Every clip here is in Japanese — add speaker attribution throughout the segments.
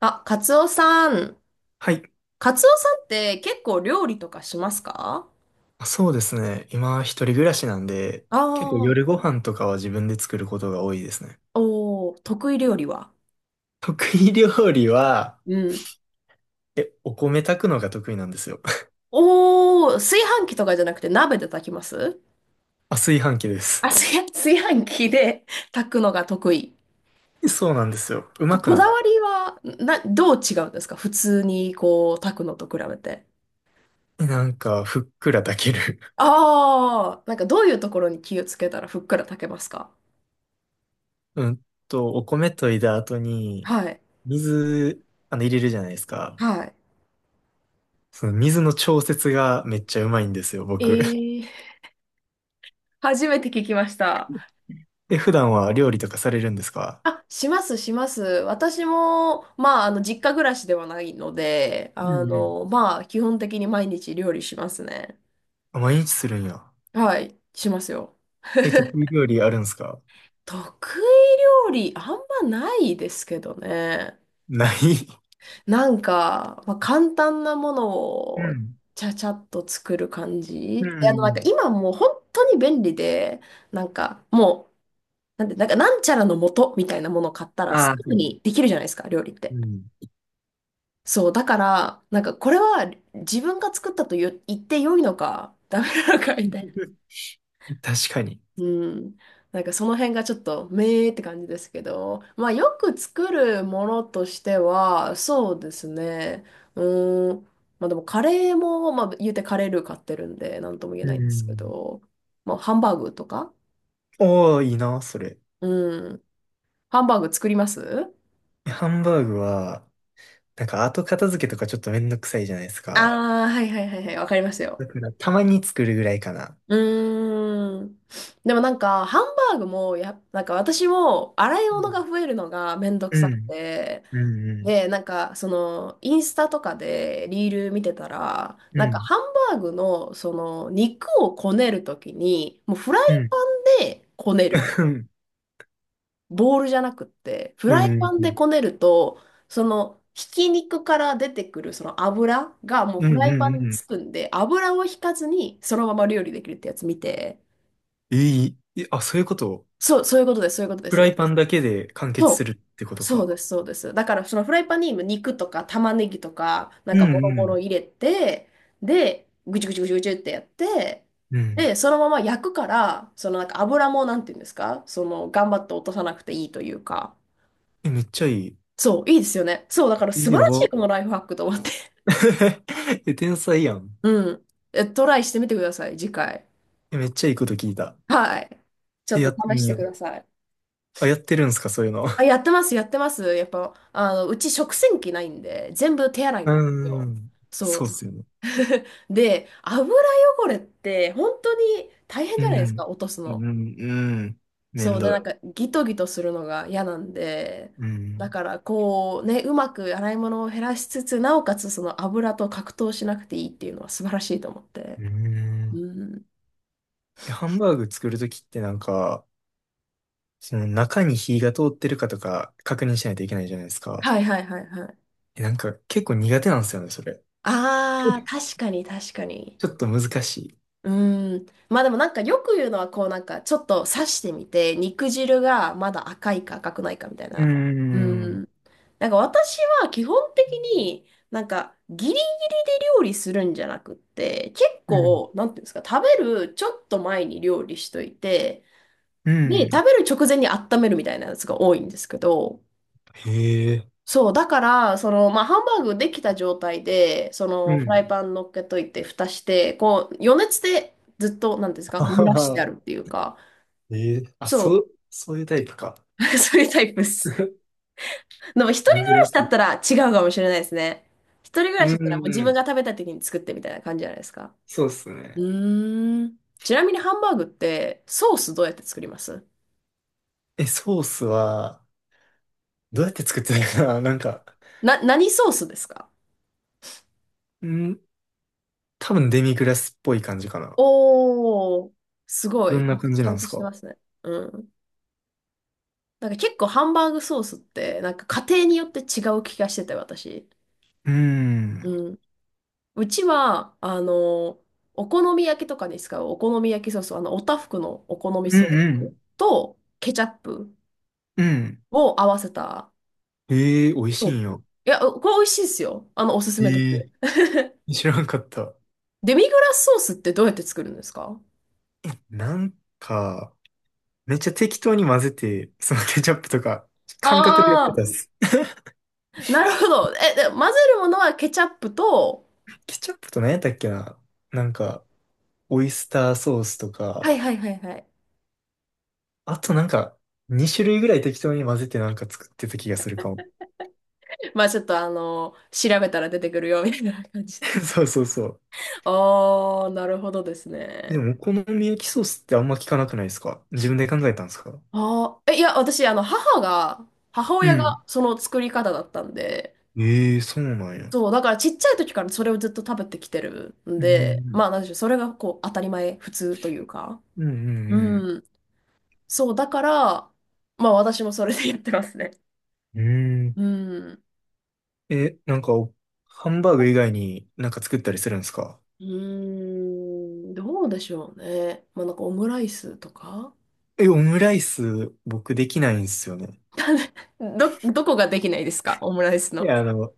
Speaker 1: あ、カツオさん。
Speaker 2: はい。
Speaker 1: カツオさんって結構料理とかしますか？
Speaker 2: そうですね。今、一人暮らしなんで、
Speaker 1: あ
Speaker 2: 結構
Speaker 1: あー、
Speaker 2: 夜ご飯とかは自分で作ることが多いですね。
Speaker 1: おー、得意料理は？
Speaker 2: 得意料理は、
Speaker 1: うん。
Speaker 2: お米炊くのが得意なんですよ。
Speaker 1: おー、炊飯器とかじゃなくて鍋で炊きます
Speaker 2: あ、炊飯器で
Speaker 1: あ、
Speaker 2: す。
Speaker 1: 炊飯器で 炊くのが得意。
Speaker 2: そうなんですよ。うま
Speaker 1: こ、
Speaker 2: く
Speaker 1: こ
Speaker 2: な
Speaker 1: だ
Speaker 2: っ
Speaker 1: わ
Speaker 2: た。
Speaker 1: りは、どう違うんですか？普通にこう炊くのと比べて。
Speaker 2: なんか、ふっくら炊ける。
Speaker 1: ああ、なんかどういうところに気をつけたらふっくら炊けますか？
Speaker 2: うんと、お米といだ後に、
Speaker 1: はい。
Speaker 2: 水、入れるじゃないですか。
Speaker 1: はい。
Speaker 2: その水の調節がめっちゃうまいんですよ、僕。
Speaker 1: えー、初めて聞きました。
Speaker 2: え、普段は料理とかされるんですか？
Speaker 1: あ、します、します。私も、まあ、実家暮らしではないので、
Speaker 2: うんうん。
Speaker 1: まあ、基本的に毎日料理しますね。
Speaker 2: あ、毎日するんや。
Speaker 1: はい、しますよ。
Speaker 2: え、得意料理あるんですか？
Speaker 1: 得意料理、あんまないですけどね。
Speaker 2: ない。
Speaker 1: なんか、まあ、簡単なもの
Speaker 2: う
Speaker 1: を、
Speaker 2: ん。
Speaker 1: ちゃちゃっと作る感
Speaker 2: う
Speaker 1: じ。なんか
Speaker 2: ん。
Speaker 1: 今もう本当に便利で、なんか、もう、なんか、なんちゃらの素みたいなものを買ったら、
Speaker 2: あ
Speaker 1: す
Speaker 2: あ、は
Speaker 1: ぐ
Speaker 2: い。
Speaker 1: にできるじゃないですか、料理っ
Speaker 2: う
Speaker 1: て。
Speaker 2: ん。
Speaker 1: そう、だから、なんかこれは自分が作ったと言って良いのか、ダメなのかみたい
Speaker 2: 確かに。
Speaker 1: な。うん。なんかその辺がちょっと、めーって感じですけど、まあよく作るものとしては、そうですね。うーん。まあでもカレーも、まあ言うてカレールー買ってるんで、なんとも言え
Speaker 2: う
Speaker 1: ないんですけ
Speaker 2: ん。
Speaker 1: ど、まあハンバーグとか。
Speaker 2: おー、いいな、それ。
Speaker 1: うん。ハンバーグ作ります
Speaker 2: ハンバーグは、なんか後片付けとかちょっとめんどくさいじゃないですか。
Speaker 1: ああー、はいはいはいはい、わかりますよ。
Speaker 2: だからたまに作るぐらいかな。
Speaker 1: うーん。でもなんか、ハンバーグもなんか私も洗い
Speaker 2: う
Speaker 1: 物
Speaker 2: ん。
Speaker 1: が増えるのがめんどく
Speaker 2: う
Speaker 1: さく
Speaker 2: ん。
Speaker 1: て、
Speaker 2: うん。
Speaker 1: で、なんか、インスタとかでリール見てたら、
Speaker 2: う
Speaker 1: なんか、
Speaker 2: ん。
Speaker 1: ハンバーグの、肉をこねるときに、もうフラ
Speaker 2: うん。
Speaker 1: イ
Speaker 2: うん。
Speaker 1: パンでこねる。ボールじゃなくって、フ
Speaker 2: う
Speaker 1: ライパ
Speaker 2: ん。
Speaker 1: ン
Speaker 2: うん。
Speaker 1: で
Speaker 2: う
Speaker 1: こねると、ひき肉から出てくるその油がもう
Speaker 2: ん。う
Speaker 1: フラ
Speaker 2: ん
Speaker 1: イパンに
Speaker 2: うん。
Speaker 1: つくんで、油を引かずにそのまま料理できるってやつ見て、
Speaker 2: いえ、あ、そういうこと？
Speaker 1: そう、そういうことです、そういうことで
Speaker 2: フラ
Speaker 1: す。
Speaker 2: イパンだけで完結
Speaker 1: そ
Speaker 2: す
Speaker 1: う。
Speaker 2: るってこと
Speaker 1: そう
Speaker 2: か。
Speaker 1: です、そうです。だから、そのフライパンに今肉とか玉ねぎとか、なん
Speaker 2: う
Speaker 1: かも
Speaker 2: ん。
Speaker 1: ろ
Speaker 2: う
Speaker 1: もろ
Speaker 2: ん。
Speaker 1: 入れて、で、ぐちゅぐちゅぐちゅぐちゅってやって、
Speaker 2: うん。
Speaker 1: で、そのまま焼くから、そのなんか油も、なんていうんですか、頑張って落とさなくていいというか、
Speaker 2: え、めっちゃいい。
Speaker 1: そう、いいですよね。そう、だから
Speaker 2: え、
Speaker 1: 素晴
Speaker 2: や
Speaker 1: らしい
Speaker 2: ば。
Speaker 1: このライフハックと思って。
Speaker 2: え、天才やん。
Speaker 1: うん。トライしてみてください、次回。
Speaker 2: えめっちゃいいこと聞いた。
Speaker 1: はい。ちょ
Speaker 2: え、
Speaker 1: っ
Speaker 2: や
Speaker 1: と
Speaker 2: って
Speaker 1: 試し
Speaker 2: み
Speaker 1: て
Speaker 2: よ
Speaker 1: く
Speaker 2: う。
Speaker 1: ださい。
Speaker 2: あ、やってるんすか、そういうの？う
Speaker 1: あ、やってます、やってます。やっぱ、うち食洗機ないんで、全部手洗い
Speaker 2: ー
Speaker 1: なんですよ。
Speaker 2: ん。
Speaker 1: そ
Speaker 2: そうっ
Speaker 1: う。
Speaker 2: すよね。
Speaker 1: で、油汚れって、本当に大変
Speaker 2: う
Speaker 1: じゃないです
Speaker 2: ん。
Speaker 1: か、落とす
Speaker 2: う
Speaker 1: の。
Speaker 2: ん、うん。めん
Speaker 1: そう。で、
Speaker 2: ど
Speaker 1: なんか、
Speaker 2: い。
Speaker 1: ギトギトするのが嫌なんで、
Speaker 2: う
Speaker 1: だ
Speaker 2: ん。
Speaker 1: から、こう、ね、うまく洗い物を減らしつつ、なおかつ、その油と格闘しなくていいっていうのは素晴らしいと思って。
Speaker 2: うん。
Speaker 1: うん。
Speaker 2: え、ハンバーグ作るときってなんか、その中に火が通ってるかとか確認しないといけないじゃないですか。
Speaker 1: はいはいはいはい。
Speaker 2: え、なんか結構苦手なんですよね、それ。
Speaker 1: ああ、確かに確かに。
Speaker 2: ちょっと難しい。
Speaker 1: うーん。まあでもなんかよく言うのはこうなんかちょっと刺してみて肉汁がまだ赤いか赤くないかみたい
Speaker 2: うー
Speaker 1: な。うー
Speaker 2: ん。
Speaker 1: ん。なんか私は基本的になんか義理で料理するんじゃなくって結
Speaker 2: うん。
Speaker 1: 構なんていうんですか、食べるちょっと前に料理しといて、
Speaker 2: う
Speaker 1: で
Speaker 2: ん。
Speaker 1: 食べる直前に温めるみたいなやつが多いんですけど、
Speaker 2: へえ。
Speaker 1: そう、だから、まあ、ハンバーグできた状態で、そ
Speaker 2: う
Speaker 1: の、フラ
Speaker 2: ん。
Speaker 1: イパン乗っけといて、蓋して、こう、余熱でずっと、なんていうんです
Speaker 2: あ
Speaker 1: か、蒸
Speaker 2: は
Speaker 1: らして
Speaker 2: は。
Speaker 1: あるっていうか、
Speaker 2: ええ。あ、そ
Speaker 1: そ
Speaker 2: う、そういうタイプか。
Speaker 1: う、そういうタイプです。でも、一人暮ら
Speaker 2: 珍
Speaker 1: し
Speaker 2: し
Speaker 1: だっ
Speaker 2: い。
Speaker 1: たら違うかもしれないですね。一人暮
Speaker 2: う
Speaker 1: らしだったら、もう自
Speaker 2: ー
Speaker 1: 分
Speaker 2: ん。
Speaker 1: が食べたい時に作ってみたいな感じじゃないですか。
Speaker 2: そうっす
Speaker 1: う
Speaker 2: ね。
Speaker 1: ーん。ちなみに、ハンバーグって、ソースどうやって作ります
Speaker 2: え、ソースは、どうやって作ってたかな。 なんか、
Speaker 1: 何ソースですか？
Speaker 2: うん、多分デミグラスっぽい感じかな。
Speaker 1: おー、すご
Speaker 2: どん
Speaker 1: い。な
Speaker 2: な
Speaker 1: んか
Speaker 2: 感じ
Speaker 1: ち
Speaker 2: な
Speaker 1: ゃ
Speaker 2: ん
Speaker 1: ん
Speaker 2: で
Speaker 1: と
Speaker 2: す
Speaker 1: し
Speaker 2: か？
Speaker 1: て
Speaker 2: う
Speaker 1: ますね。うん。なんか結構ハンバーグソースって、なんか家庭によって違う気がしてて、私。
Speaker 2: ーん。
Speaker 1: うん。うちは、お好み焼きとかに使うお好み焼きソース、おたふくのお好み
Speaker 2: うん
Speaker 1: ソ
Speaker 2: う
Speaker 1: ース
Speaker 2: ん。
Speaker 1: とケチャップ
Speaker 2: うん。
Speaker 1: を合わせた
Speaker 2: ええー、美味し
Speaker 1: ソ
Speaker 2: いん
Speaker 1: ース。
Speaker 2: よ。
Speaker 1: いや、これ美味しいですよ。おすすめです。
Speaker 2: ええ。 知らんかった。
Speaker 1: デミグラスソースってどうやって作るんですか？
Speaker 2: なんか、めっちゃ適当に混ぜて、そのケチャップとか、感覚でやってた
Speaker 1: ああ
Speaker 2: っす。
Speaker 1: ー、なるほど。で、混ぜるものはケチャップと、
Speaker 2: ケチャップと何やったっけな。なんか、オイスターソースと
Speaker 1: はい
Speaker 2: か、
Speaker 1: はいはいはい。
Speaker 2: あとなんか、2種類ぐらい適当に混ぜてなんか作ってた気がするかも。
Speaker 1: まあちょっと調べたら出てくるよみたいな感じ。
Speaker 2: そうそうそう。
Speaker 1: ああ、なるほどです
Speaker 2: で
Speaker 1: ね。
Speaker 2: も、お好み焼きソースってあんま聞かなくないですか？自分で考えたんですか？
Speaker 1: ああ、いや、私、母が、母
Speaker 2: う
Speaker 1: 親
Speaker 2: ん。
Speaker 1: がその作り方だったんで、
Speaker 2: ええ、そうなんや。
Speaker 1: そう、だからちっちゃい時からそれをずっと食べてきてるん
Speaker 2: う
Speaker 1: で、
Speaker 2: ん。
Speaker 1: まあ、なんでしょう、それがこう、当たり前、普通というか。
Speaker 2: うんうん
Speaker 1: うん。そう、だから、まあ、私もそれでやってますね。
Speaker 2: うん。うん。
Speaker 1: うん。
Speaker 2: え、なんかハンバーグ以外になんか作ったりするんですか？
Speaker 1: うーん、どうでしょうね。まあ、なんかオムライスとか。
Speaker 2: え、オムライス、僕できないんですよね。
Speaker 1: どこができないですか？オムライス
Speaker 2: い
Speaker 1: の。
Speaker 2: や、あの、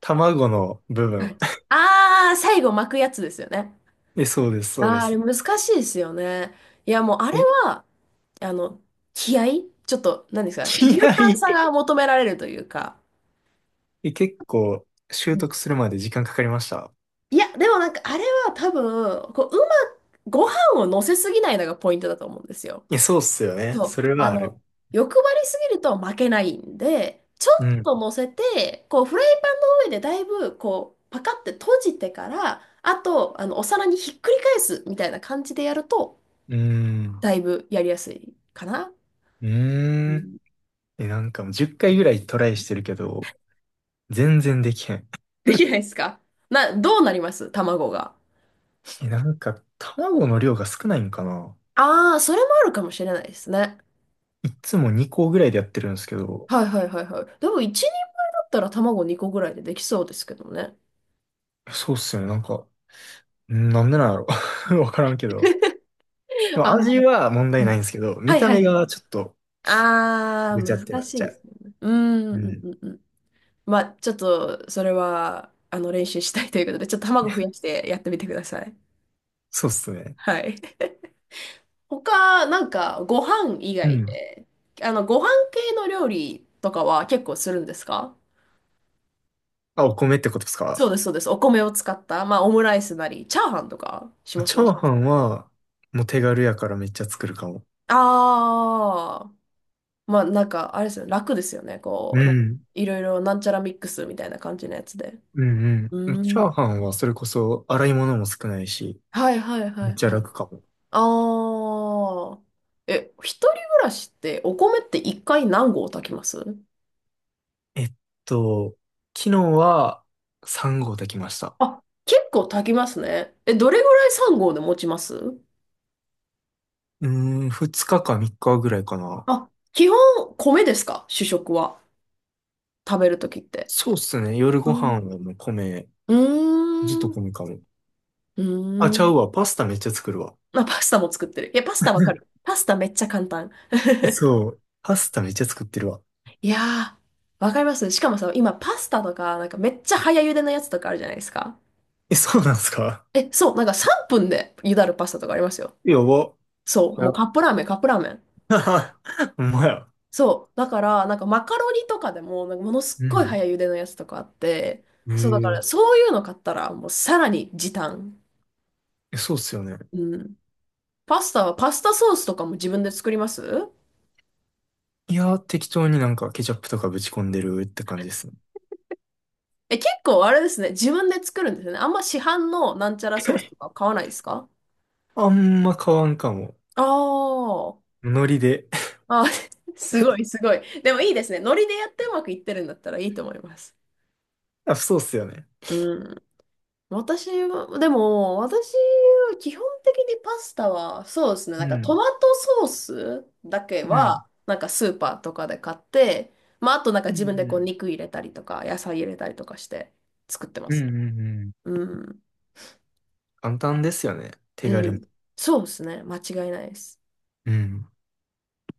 Speaker 2: 卵の部
Speaker 1: は
Speaker 2: 分。
Speaker 1: い。ああ、最後巻くやつですよね。
Speaker 2: え、そうです、そうで
Speaker 1: ああ、あれ
Speaker 2: す。
Speaker 1: 難しいですよね。いや、もうあれ
Speaker 2: え、
Speaker 1: は、あの、気合いちょっと、何ですか、勇
Speaker 2: 気合
Speaker 1: 敢
Speaker 2: い。
Speaker 1: さ が求められるというか。
Speaker 2: え、結構、
Speaker 1: う
Speaker 2: 習得
Speaker 1: ん。
Speaker 2: するまで時間かかりました。
Speaker 1: いや、でもなんかあれは多分、こう、ご飯を乗せすぎないのがポイントだと思うんですよ。
Speaker 2: いや、そうっすよね。
Speaker 1: そ
Speaker 2: そ
Speaker 1: う。
Speaker 2: れはある。
Speaker 1: 欲張りすぎると負けないんで、ちょ
Speaker 2: う
Speaker 1: っ
Speaker 2: ん。
Speaker 1: と乗せて、こう、フライパンの上でだいぶ、こう、パカって閉じてから、あと、お皿にひっくり返すみたいな感じでやると、
Speaker 2: うん。
Speaker 1: だいぶやりやすいかな。
Speaker 2: うーん。え、なんかもう10回ぐらいトライしてるけど、全然できへん。
Speaker 1: できないですか？どうなります卵が？
Speaker 2: え、なんか卵の量が少ないんかな？
Speaker 1: ああ、それもあるかもしれないですね。
Speaker 2: いつも2個ぐらいでやってるんですけど、
Speaker 1: はいはいはいはい。でも一人前だったら卵2個ぐらいでできそうですけどね。
Speaker 2: そうっすよね。なんか、なんでなんやろ。 わからんけど。でも
Speaker 1: あ
Speaker 2: 味
Speaker 1: の、
Speaker 2: は問題
Speaker 1: う
Speaker 2: ないんで
Speaker 1: ん。
Speaker 2: すけど、見
Speaker 1: はい
Speaker 2: た
Speaker 1: は
Speaker 2: 目
Speaker 1: いはい。
Speaker 2: がちょっと
Speaker 1: ああ、
Speaker 2: ぐちゃって
Speaker 1: 難
Speaker 2: なっ
Speaker 1: し
Speaker 2: ち
Speaker 1: い
Speaker 2: ゃ
Speaker 1: で
Speaker 2: う。
Speaker 1: すよね。うーん、
Speaker 2: う
Speaker 1: うん
Speaker 2: ん。
Speaker 1: うんうん。まあ、ちょっと、それは、練習したいということで、ちょっと卵増やしてやってみてください。
Speaker 2: そうっすね。
Speaker 1: はい。他、なんか、ご飯以
Speaker 2: う
Speaker 1: 外
Speaker 2: ん。
Speaker 1: で、ご飯系の料理とかは結構するんですか？
Speaker 2: あ、お米ってことです
Speaker 1: そう
Speaker 2: か？
Speaker 1: です、そうです。お米を使った、まあ、オムライスなり、チャーハンとかしま
Speaker 2: チ
Speaker 1: す
Speaker 2: ャーハンは、もう手軽やからめっちゃ作るかも。
Speaker 1: ああ。まあ、なんか、あれですよね、楽ですよね。こ
Speaker 2: う
Speaker 1: う、なんか、
Speaker 2: ん。
Speaker 1: いろいろなんちゃらミックスみたいな感じのやつで。
Speaker 2: うんうん。
Speaker 1: う
Speaker 2: チャ
Speaker 1: ん。
Speaker 2: ーハンはそれこそ洗い物も少ないし、
Speaker 1: はい、はい、は
Speaker 2: めっ
Speaker 1: い、
Speaker 2: ちゃ
Speaker 1: はい。
Speaker 2: 楽かも。
Speaker 1: ああ。一人暮らしって、お米って一回何合炊きます
Speaker 2: えっと、昨日は3合炊きました。
Speaker 1: あ、結構炊きますね。どれぐらい3合で持ちます
Speaker 2: うーん、2日か3日ぐらいかな。
Speaker 1: あ、基本、米ですか？主食は。食べるときって。
Speaker 2: そうっすね。夜ご
Speaker 1: う
Speaker 2: 飯
Speaker 1: ん。
Speaker 2: はもう米、
Speaker 1: うー
Speaker 2: ずっと
Speaker 1: ん。
Speaker 2: 米かも。
Speaker 1: う
Speaker 2: あ、
Speaker 1: ー
Speaker 2: ちゃう
Speaker 1: ん。
Speaker 2: わ。パスタめっちゃ作るわ。
Speaker 1: まあ、パスタも作ってる。いや、パスタわかる。パスタめっちゃ簡単。
Speaker 2: え そう。パスタめっちゃ作ってるわ。
Speaker 1: いやー、わかります。しかもさ、今パスタとか、なんかめっちゃ早茹でのやつとかあるじゃないですか。
Speaker 2: え、そうなんすか？
Speaker 1: え、そう、なんか3分で茹だるパスタとかありますよ。
Speaker 2: やば。
Speaker 1: そう、
Speaker 2: は
Speaker 1: も
Speaker 2: や。
Speaker 1: うカップラーメン、カップラーメン。
Speaker 2: ほんまや。
Speaker 1: そう、だから、なんかマカロニとかでも、なんかものす
Speaker 2: う
Speaker 1: っごい
Speaker 2: ん。
Speaker 1: 早茹でのやつとかあって、
Speaker 2: へ
Speaker 1: そう、だから
Speaker 2: え
Speaker 1: そういうの買ったら、もうさらに時短。
Speaker 2: え、そうっすよね。
Speaker 1: うん。パスタはパスタソースとかも自分で作ります
Speaker 2: いや、適当になんかケチャップとかぶち込んでるって感じですね。
Speaker 1: え、結構あれですね。自分で作るんですよね。あんま市販のなんちゃらソースと か買わないですか？
Speaker 2: あんま変わんかも。
Speaker 1: あー
Speaker 2: ノリで。
Speaker 1: あ、すごい、すごい。でもいいですね。ノリでやってうまくいってるんだったらいいと思います。
Speaker 2: あ、そうっすよね。
Speaker 1: うん。私は、でも、私は基本的にパスタは、そうですね。
Speaker 2: う
Speaker 1: なんかト
Speaker 2: ん、
Speaker 1: マトソースだけ
Speaker 2: うん、
Speaker 1: は、なんかスーパーとかで買って、まあ、あとなんか
Speaker 2: う
Speaker 1: 自分でこう
Speaker 2: ん、
Speaker 1: 肉入れたりとか、野菜入れたりとかして作ってま
Speaker 2: うん、
Speaker 1: す。
Speaker 2: うん、うん。
Speaker 1: うん。
Speaker 2: 簡単ですよね。手軽
Speaker 1: う
Speaker 2: に。
Speaker 1: ん。そうですね。間違いないです。
Speaker 2: うん。